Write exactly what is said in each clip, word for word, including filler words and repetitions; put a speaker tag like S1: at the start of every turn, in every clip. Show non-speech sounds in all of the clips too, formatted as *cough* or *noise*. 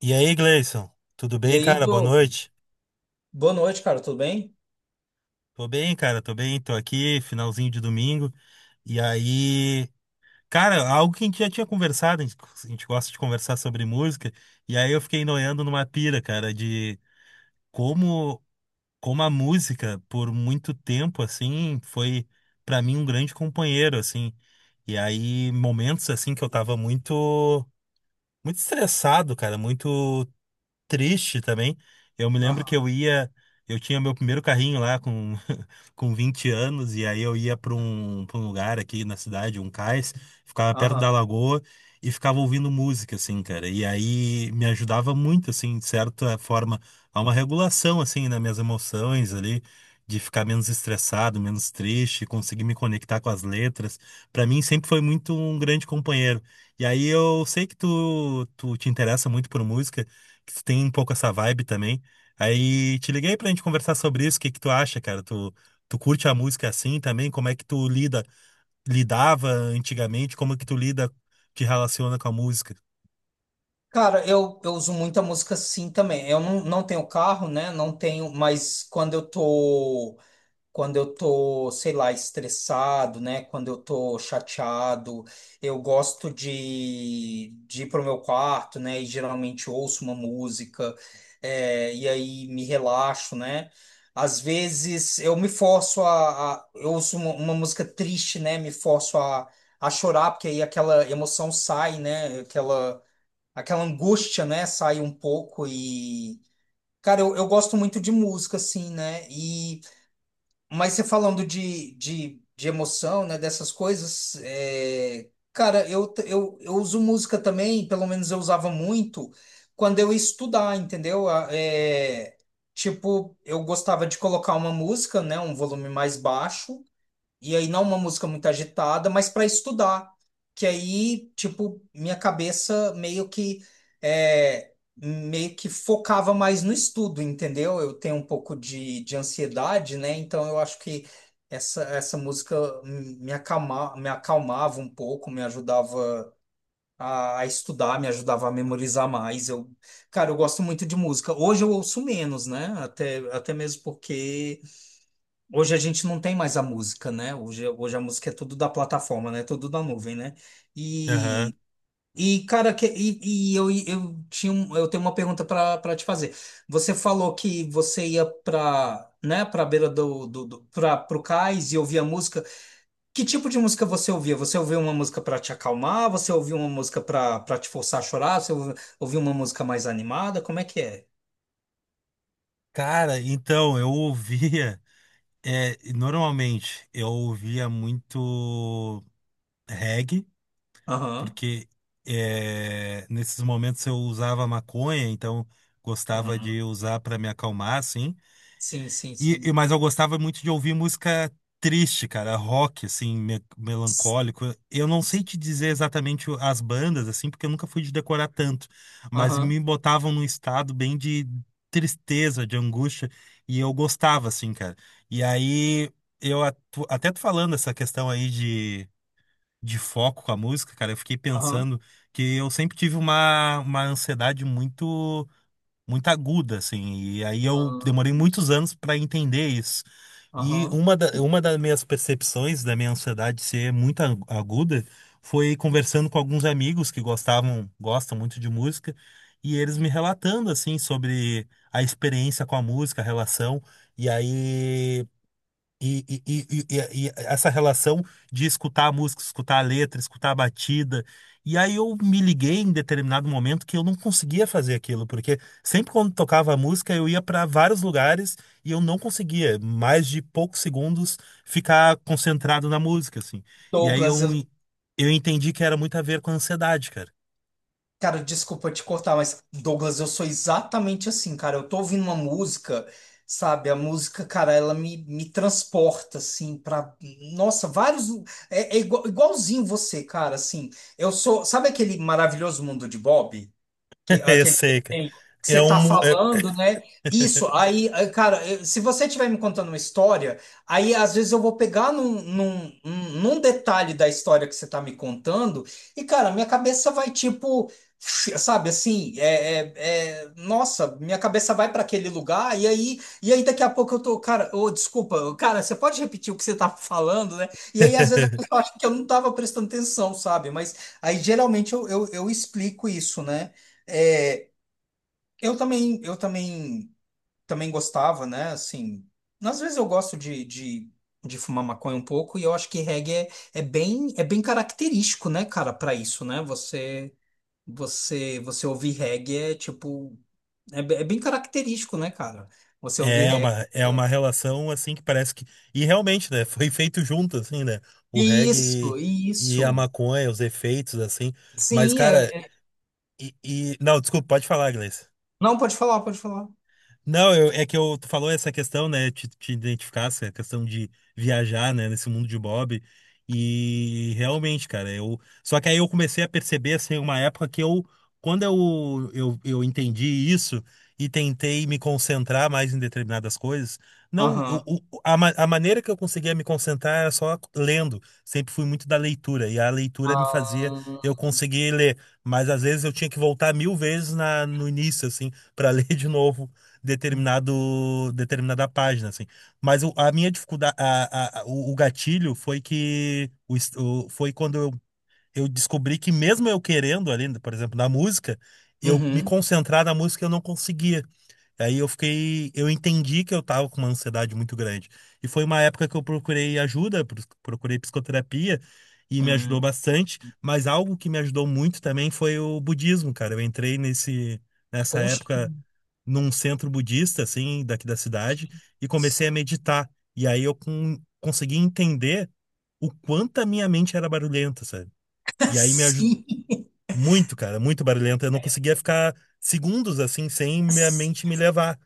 S1: E aí, Gleison? Tudo
S2: E
S1: bem,
S2: aí,
S1: cara? Boa
S2: Douglas?
S1: noite.
S2: Boa noite, cara, tudo bem?
S1: Tô bem, cara, tô bem, tô aqui, finalzinho de domingo. E aí, cara, algo que a gente já tinha conversado, a gente, a gente gosta de conversar sobre música, e aí eu fiquei noiando numa pira, cara, de como, como a música, por muito tempo, assim, foi pra mim um grande companheiro, assim. E aí, momentos, assim, que eu tava muito, muito estressado, cara, muito triste também. Eu me lembro que
S2: Aham,
S1: eu ia, eu tinha meu primeiro carrinho lá com com vinte anos, e aí eu ia para um, para um lugar aqui na cidade, um cais, ficava perto
S2: aham.
S1: da lagoa e ficava ouvindo música, assim, cara. E aí me ajudava muito, assim, de certa forma, a uma regulação, assim, nas minhas emoções ali. De ficar menos estressado, menos triste, conseguir me conectar com as letras. Para mim, sempre foi muito um grande companheiro. E aí, eu sei que tu, tu te interessa muito por música, que tu tem um pouco essa vibe também. Aí te liguei pra gente conversar sobre isso. O que que tu acha, cara? Tu, Tu curte a música assim também? Como é que tu lida, lidava antigamente? Como é que tu lida, te relaciona com a música?
S2: Cara, eu, eu uso muita música sim também. Eu não, não tenho carro, né? Não tenho, mas quando eu tô. quando eu tô, sei lá, estressado, né? Quando eu tô chateado, eu gosto de, de ir pro meu quarto, né? E geralmente ouço uma música, é, e aí me relaxo, né? Às vezes eu me forço a, a- eu ouço uma, uma música triste, né? Me forço a, a chorar, porque aí aquela emoção sai, né? Aquela, aquela angústia, né? Sai um pouco e, cara, eu, eu gosto muito de música, assim, né? E mas você falando de, de, de emoção, né, dessas coisas, é, cara, eu, t- eu, eu uso música também, pelo menos eu usava muito, quando eu ia estudar, entendeu? A- é, tipo, eu gostava de colocar uma música, né, um volume mais baixo, e aí não é uma música muito agitada, mas para estudar. Que aí, tipo, minha cabeça meio que é, meio que focava mais no estudo, entendeu? Eu tenho um pouco de, de ansiedade, né? Então eu acho que essa, essa música me acalma, me acalmava um pouco, me ajudava a, a estudar, me ajudava a memorizar mais. Eu, cara, eu gosto muito de música. Hoje eu ouço menos, né? Até, até mesmo porque hoje a gente não tem mais a música, né? Hoje, hoje a música é tudo da plataforma, né? Tudo da nuvem, né?
S1: Aham.
S2: E, e cara, que, e, e eu, eu tinha um- eu tenho uma pergunta para para te fazer. Você falou que você ia para, né, para beira do, do, do para o cais e ouvia música. Que tipo de música você ouvia? Você ouvia uma música para te acalmar? Você ouvia uma música para para te forçar a chorar? Você ouvi- ouvia uma música mais animada? Como é que é?
S1: Cara, então eu ouvia, *laughs* é, normalmente eu ouvia muito reggae,
S2: Aham,
S1: porque é, nesses momentos eu usava maconha, então gostava
S2: aham.
S1: de usar para me acalmar, assim.
S2: Sim, sim,
S1: E, e-
S2: sim.
S1: mas eu gostava muito de ouvir música triste, cara, rock, assim, me-
S2: S-
S1: melancólico. Eu não sei
S2: Sim.
S1: te dizer exatamente o- as bandas, assim, porque eu nunca fui de decorar tanto, mas me
S2: Aham.
S1: botavam num estado bem de tristeza, de angústia, e eu gostava, assim, cara. E aí, eu atu- até tu falando essa questão aí de, de foco com a música, cara, eu fiquei
S2: Aham.
S1: pensando que eu sempre tive uma, uma ansiedade muito muito aguda, assim. E aí eu
S2: Aham.
S1: demorei muitos anos para entender isso. E
S2: Aham.
S1: uma da, uma das minhas percepções da minha ansiedade ser muito ag- aguda foi conversando com alguns amigos que gostavam, gostam muito de música, e eles me relatando, assim, sobre a experiência com a música, a relação. E aí. E, e- e- e- e- e essa relação de escutar a música, escutar a letra, escutar a batida. E aí eu me liguei em determinado momento que eu não conseguia fazer aquilo, porque sempre quando tocava a música eu ia para vários lugares e eu não conseguia, mais de poucos segundos, ficar concentrado na música, assim. E aí eu,
S2: Douglas, eu,
S1: eu entendi que era muito a ver com a ansiedade, cara.
S2: cara, desculpa te cortar, mas Douglas, eu sou exatamente assim, cara. Eu tô ouvindo uma música, sabe? A música, cara, ela me, me transporta, assim, pra. Nossa, vários. É, é igual- igualzinho você, cara, assim. Eu sou. Sabe aquele maravilhoso mundo de Bob? Que,
S1: *laughs* Eu
S2: aquele
S1: sei, cara.
S2: desenho que
S1: É
S2: você
S1: um.
S2: tá
S1: mu- É...
S2: falando, né? Isso, aí, aí, cara, eu- se você estiver me contando uma história, aí às vezes eu vou pegar num, num, num num detalhe da história que você tá me contando, e, cara, minha cabeça vai tipo, sabe assim, é, é- é- nossa, minha cabeça vai para aquele lugar, e aí, e aí daqui a pouco eu tô, cara, ô, desculpa, cara, você pode repetir o que você tá falando, né? E aí, às vezes, a
S1: *laughs*
S2: pessoa acha que eu não tava prestando atenção, sabe? Mas aí geralmente eu, eu eu explico isso, né? É, eu também, eu também, também gostava, né? Assim, às vezes eu gosto de, de, de fumar maconha um pouco e eu acho que reggae é, é bem, é bem característico, né, cara, para isso, né? Você, você, você ouvir reggae é tipo, é, be- é bem característico, né, cara? Você ouvir
S1: É uma,
S2: reggae.
S1: é uma relação assim que parece que. E realmente, né? *laughs* Foi feito junto, assim, né? O reggae
S2: Isso,
S1: e a
S2: isso.
S1: maconha, os efeitos, assim. Mas,
S2: Sim, é,
S1: cara,
S2: é-
S1: e, e- não, desculpa, pode falar, Gleice.
S2: não, pode falar, pode falar.
S1: Não, eu- é que eu, tu falou essa questão, né? Te, te identificasse, a questão de viajar, né? Nesse mundo de Bob. E realmente, cara, eu. Só que aí eu comecei a perceber, assim, uma época que eu. Quando eu, eu, eu entendi isso e tentei me concentrar mais em determinadas coisas, não,
S2: Aham.
S1: o- o- a, ma- a maneira que eu conseguia me concentrar era só lendo. Sempre fui muito da leitura, e a leitura me fazia
S2: Ah.
S1: eu conseguir ler. Mas às vezes eu tinha que voltar mil vezes na, no início, assim, para *laughs* ler de novo determinado determinada página assim mas o- a minha dificuldade a, a- a- o, o gatilho foi que o, es- o- foi quando eu, eu descobri que mesmo eu querendo ali por exemplo na música eu me
S2: Uhum.
S1: concentrar na música eu não conseguia. Aí eu fiquei, eu entendi que eu tava com uma ansiedade muito grande. E foi uma época que eu procurei ajuda, pro- procurei psicoterapia e me ajudou
S2: Hum.
S1: bastante, mas algo que me ajudou muito também foi o budismo, cara. Eu entrei nesse nessa
S2: Poxa, que
S1: época num centro budista assim, daqui da cidade e comecei
S2: massa.
S1: a meditar. E aí eu con- consegui entender o quanto a minha mente era barulhenta, sabe? E aí me ajudou
S2: *laughs*
S1: muito, cara, muito barulhenta. Eu não conseguia ficar segundos assim sem minha
S2: Sim.
S1: mente me levar.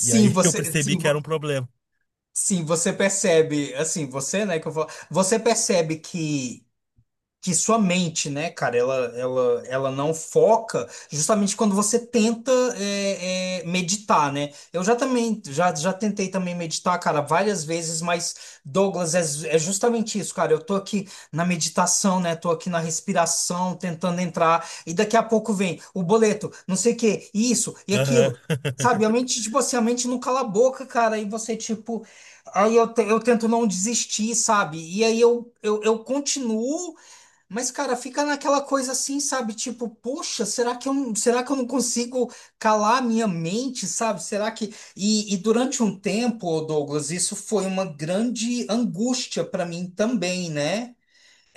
S1: E aí *laughs* eu
S2: você,
S1: percebi
S2: sim,
S1: que era
S2: vo-
S1: um problema.
S2: sim, você percebe, assim, você, né, que eu vou, você percebe que que sua mente, né, cara, ela, ela, ela não foca justamente quando você tenta é, é, meditar, né? Eu já também, já, já tentei também meditar, cara, várias vezes, mas, Douglas, é, é justamente isso, cara. Eu tô aqui na meditação, né? Tô aqui na respiração, tentando entrar, e daqui a pouco vem o boleto, não sei o quê, isso e
S1: Aham.
S2: aquilo. Sabe, a
S1: *laughs*
S2: mente, tipo assim, a mente não cala a boca, cara, e você, tipo, aí eu, te- eu tento não desistir, sabe? E aí eu, eu, eu continuo mas, cara, fica naquela coisa assim, sabe? Tipo, poxa, será que eu não, será que eu não consigo calar a minha mente, sabe? Será que. E, e durante um tempo, Douglas, isso foi uma grande angústia para mim também, né?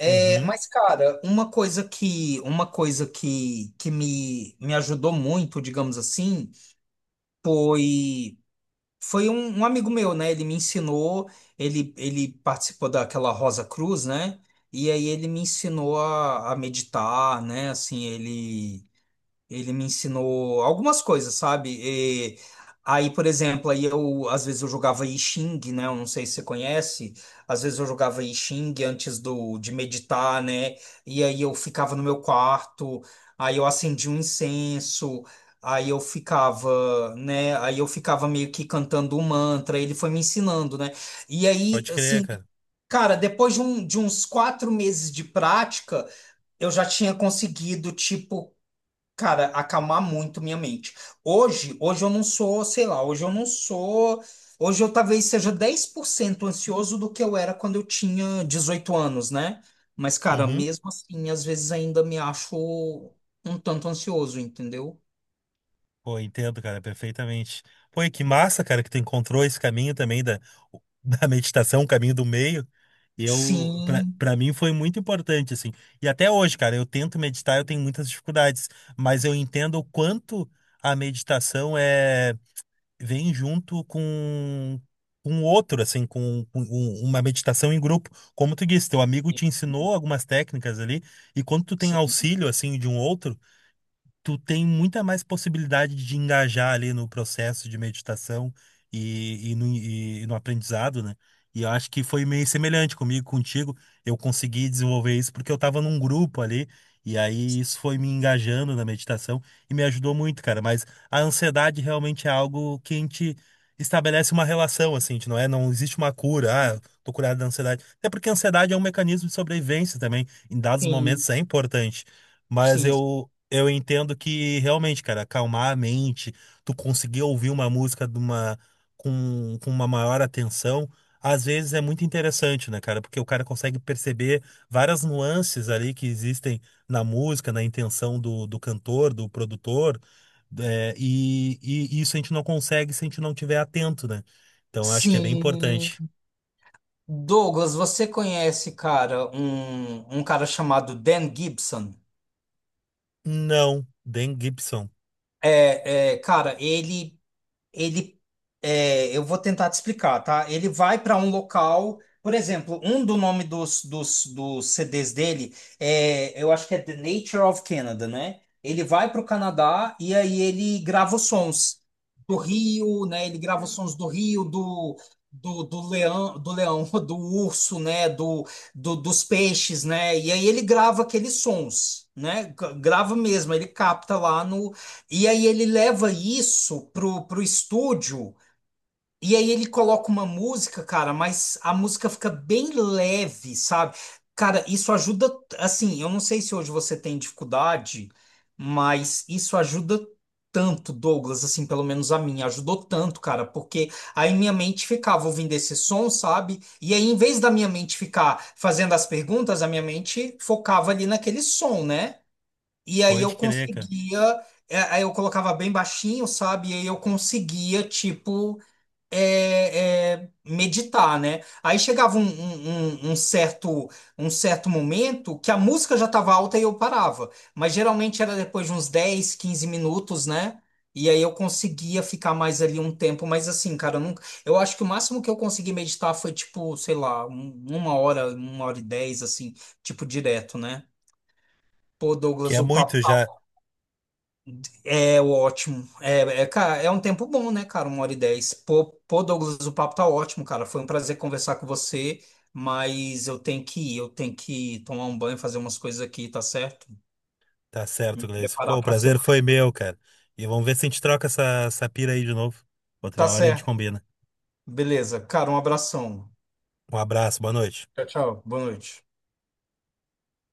S2: É,
S1: Uhum.
S2: mas, cara, uma coisa que, uma coisa que, que me, me ajudou muito, digamos assim, foi. Foi um, um amigo meu, né? Ele me ensinou, ele, ele participou daquela Rosa Cruz, né? E aí ele me ensinou a, a meditar, né? Assim, ele. Ele me ensinou algumas coisas, sabe? E aí, por exemplo, aí eu às vezes eu jogava I Ching, né? Eu não sei se você conhece. Às vezes eu jogava I Ching antes do de meditar, né? E aí eu ficava no meu quarto, aí eu acendia um incenso, aí eu ficava, né? Aí eu ficava meio que cantando um mantra. Ele foi me ensinando, né? E aí,
S1: Pode crer,
S2: assim,
S1: cara.
S2: cara, depois de, um- de uns quatro meses de prática eu já tinha conseguido, tipo, cara, acalmar muito minha mente. Hoje, hoje eu não sou, sei lá, hoje eu não sou. Hoje eu talvez seja dez por cento ansioso do que eu era quando eu tinha dezoito anos, né? Mas, cara,
S1: Uhum.
S2: mesmo assim, às vezes ainda me acho um tanto ansioso, entendeu?
S1: Pô, entendo, cara, perfeitamente. Pô, e que massa, cara, que tu encontrou esse caminho também da, *laughs* da meditação, o caminho do meio. Eu, pra,
S2: Sim,
S1: pra mim foi muito importante, assim. E até hoje, cara, eu tento meditar, eu tenho muitas dificuldades, mas eu entendo o quanto a meditação é. Vem junto com um outro, assim, com, com um- uma meditação em grupo. Como tu disse, teu amigo te ensinou algumas técnicas ali, e quando tu tem
S2: sim,
S1: auxílio, assim, de um outro tu tem muita mais possibilidade de engajar ali no processo de meditação e, e no, e no aprendizado, né? E eu acho que foi meio semelhante comigo, contigo. Eu consegui desenvolver isso porque eu estava num grupo ali, e aí isso foi me engajando na meditação e me ajudou muito, cara. Mas a ansiedade realmente é algo que a gente estabelece uma relação, assim, a gente não é? Não existe uma cura, ah, tô curado da ansiedade. Até porque a ansiedade é um mecanismo de sobrevivência também. Em dados
S2: sim,
S1: momentos é importante. Mas
S2: sim,
S1: eu, eu entendo que realmente, cara, acalmar a mente, tu conseguir ouvir uma música de uma, com, com uma maior atenção, às vezes é muito interessante, né, cara? Porque o cara consegue perceber várias nuances ali que existem na música, na intenção do, do cantor, do produtor, é, e, e isso a gente não consegue se a gente não tiver atento, né? Então eu acho que é bem
S2: sim.
S1: importante.
S2: Douglas, você conhece, cara, um, um cara chamado Dan Gibson?
S1: Não, Dan Gibson,
S2: É, é, cara, ele. Ele é, eu vou tentar te explicar, tá? Ele vai para um local, por exemplo, um do nome dos, dos, dos C D s dele é, eu acho que é The Nature of Canada, né? Ele vai para o Canadá e aí ele grava os sons do rio, né? Ele grava os sons do rio, do do, do leão, do leão, *laughs* do urso, né? Do, do, dos peixes, né? E aí ele grava aqueles sons, né? G- grava mesmo, ele capta lá no, e aí ele leva isso pro, pro estúdio, e aí ele coloca uma música, cara, mas a música fica bem leve, sabe? Cara, isso ajuda, assim, eu não sei se hoje você tem dificuldade, mas isso ajuda tanto, Douglas, assim, pelo menos a mim ajudou tanto, cara, porque aí minha mente ficava ouvindo esse som, sabe? E aí, em vez da minha mente ficar fazendo as perguntas, a minha mente focava ali naquele som, né? E aí eu
S1: pode crer, cara.
S2: conseguia, é, aí eu colocava bem baixinho, sabe? E aí eu conseguia, tipo, é, é, meditar, né? Aí chegava um, um- um- um certo, um certo momento que a música já estava alta e eu parava. Mas geralmente era depois de uns dez quinze minutos, né? E aí eu conseguia ficar mais ali um tempo, mas assim, cara, eu nunca, eu acho que o máximo que eu consegui meditar foi tipo, sei lá, um- uma hora, uma hora e dez, assim, tipo direto, né? Pô,
S1: Que
S2: Douglas,
S1: é
S2: o papo
S1: muito já.
S2: é ótimo. É, é, cara, é um tempo bom, né, cara? Uma hora e dez. Pô, pô, Douglas, o papo tá ótimo, cara. Foi um prazer conversar com você, mas eu tenho que ir, eu tenho que tomar um banho, fazer umas coisas aqui, tá certo?
S1: Tá certo, Gleison. Pô,
S2: Preparar
S1: o
S2: pra
S1: prazer
S2: semana.
S1: foi meu, cara. E vamos ver se a gente troca essa, essa pira aí de novo.
S2: Tá
S1: Outra hora a gente
S2: certo.
S1: combina.
S2: Beleza. Cara, um abração.
S1: Um abraço, boa noite.
S2: Tchau, tchau. Boa noite.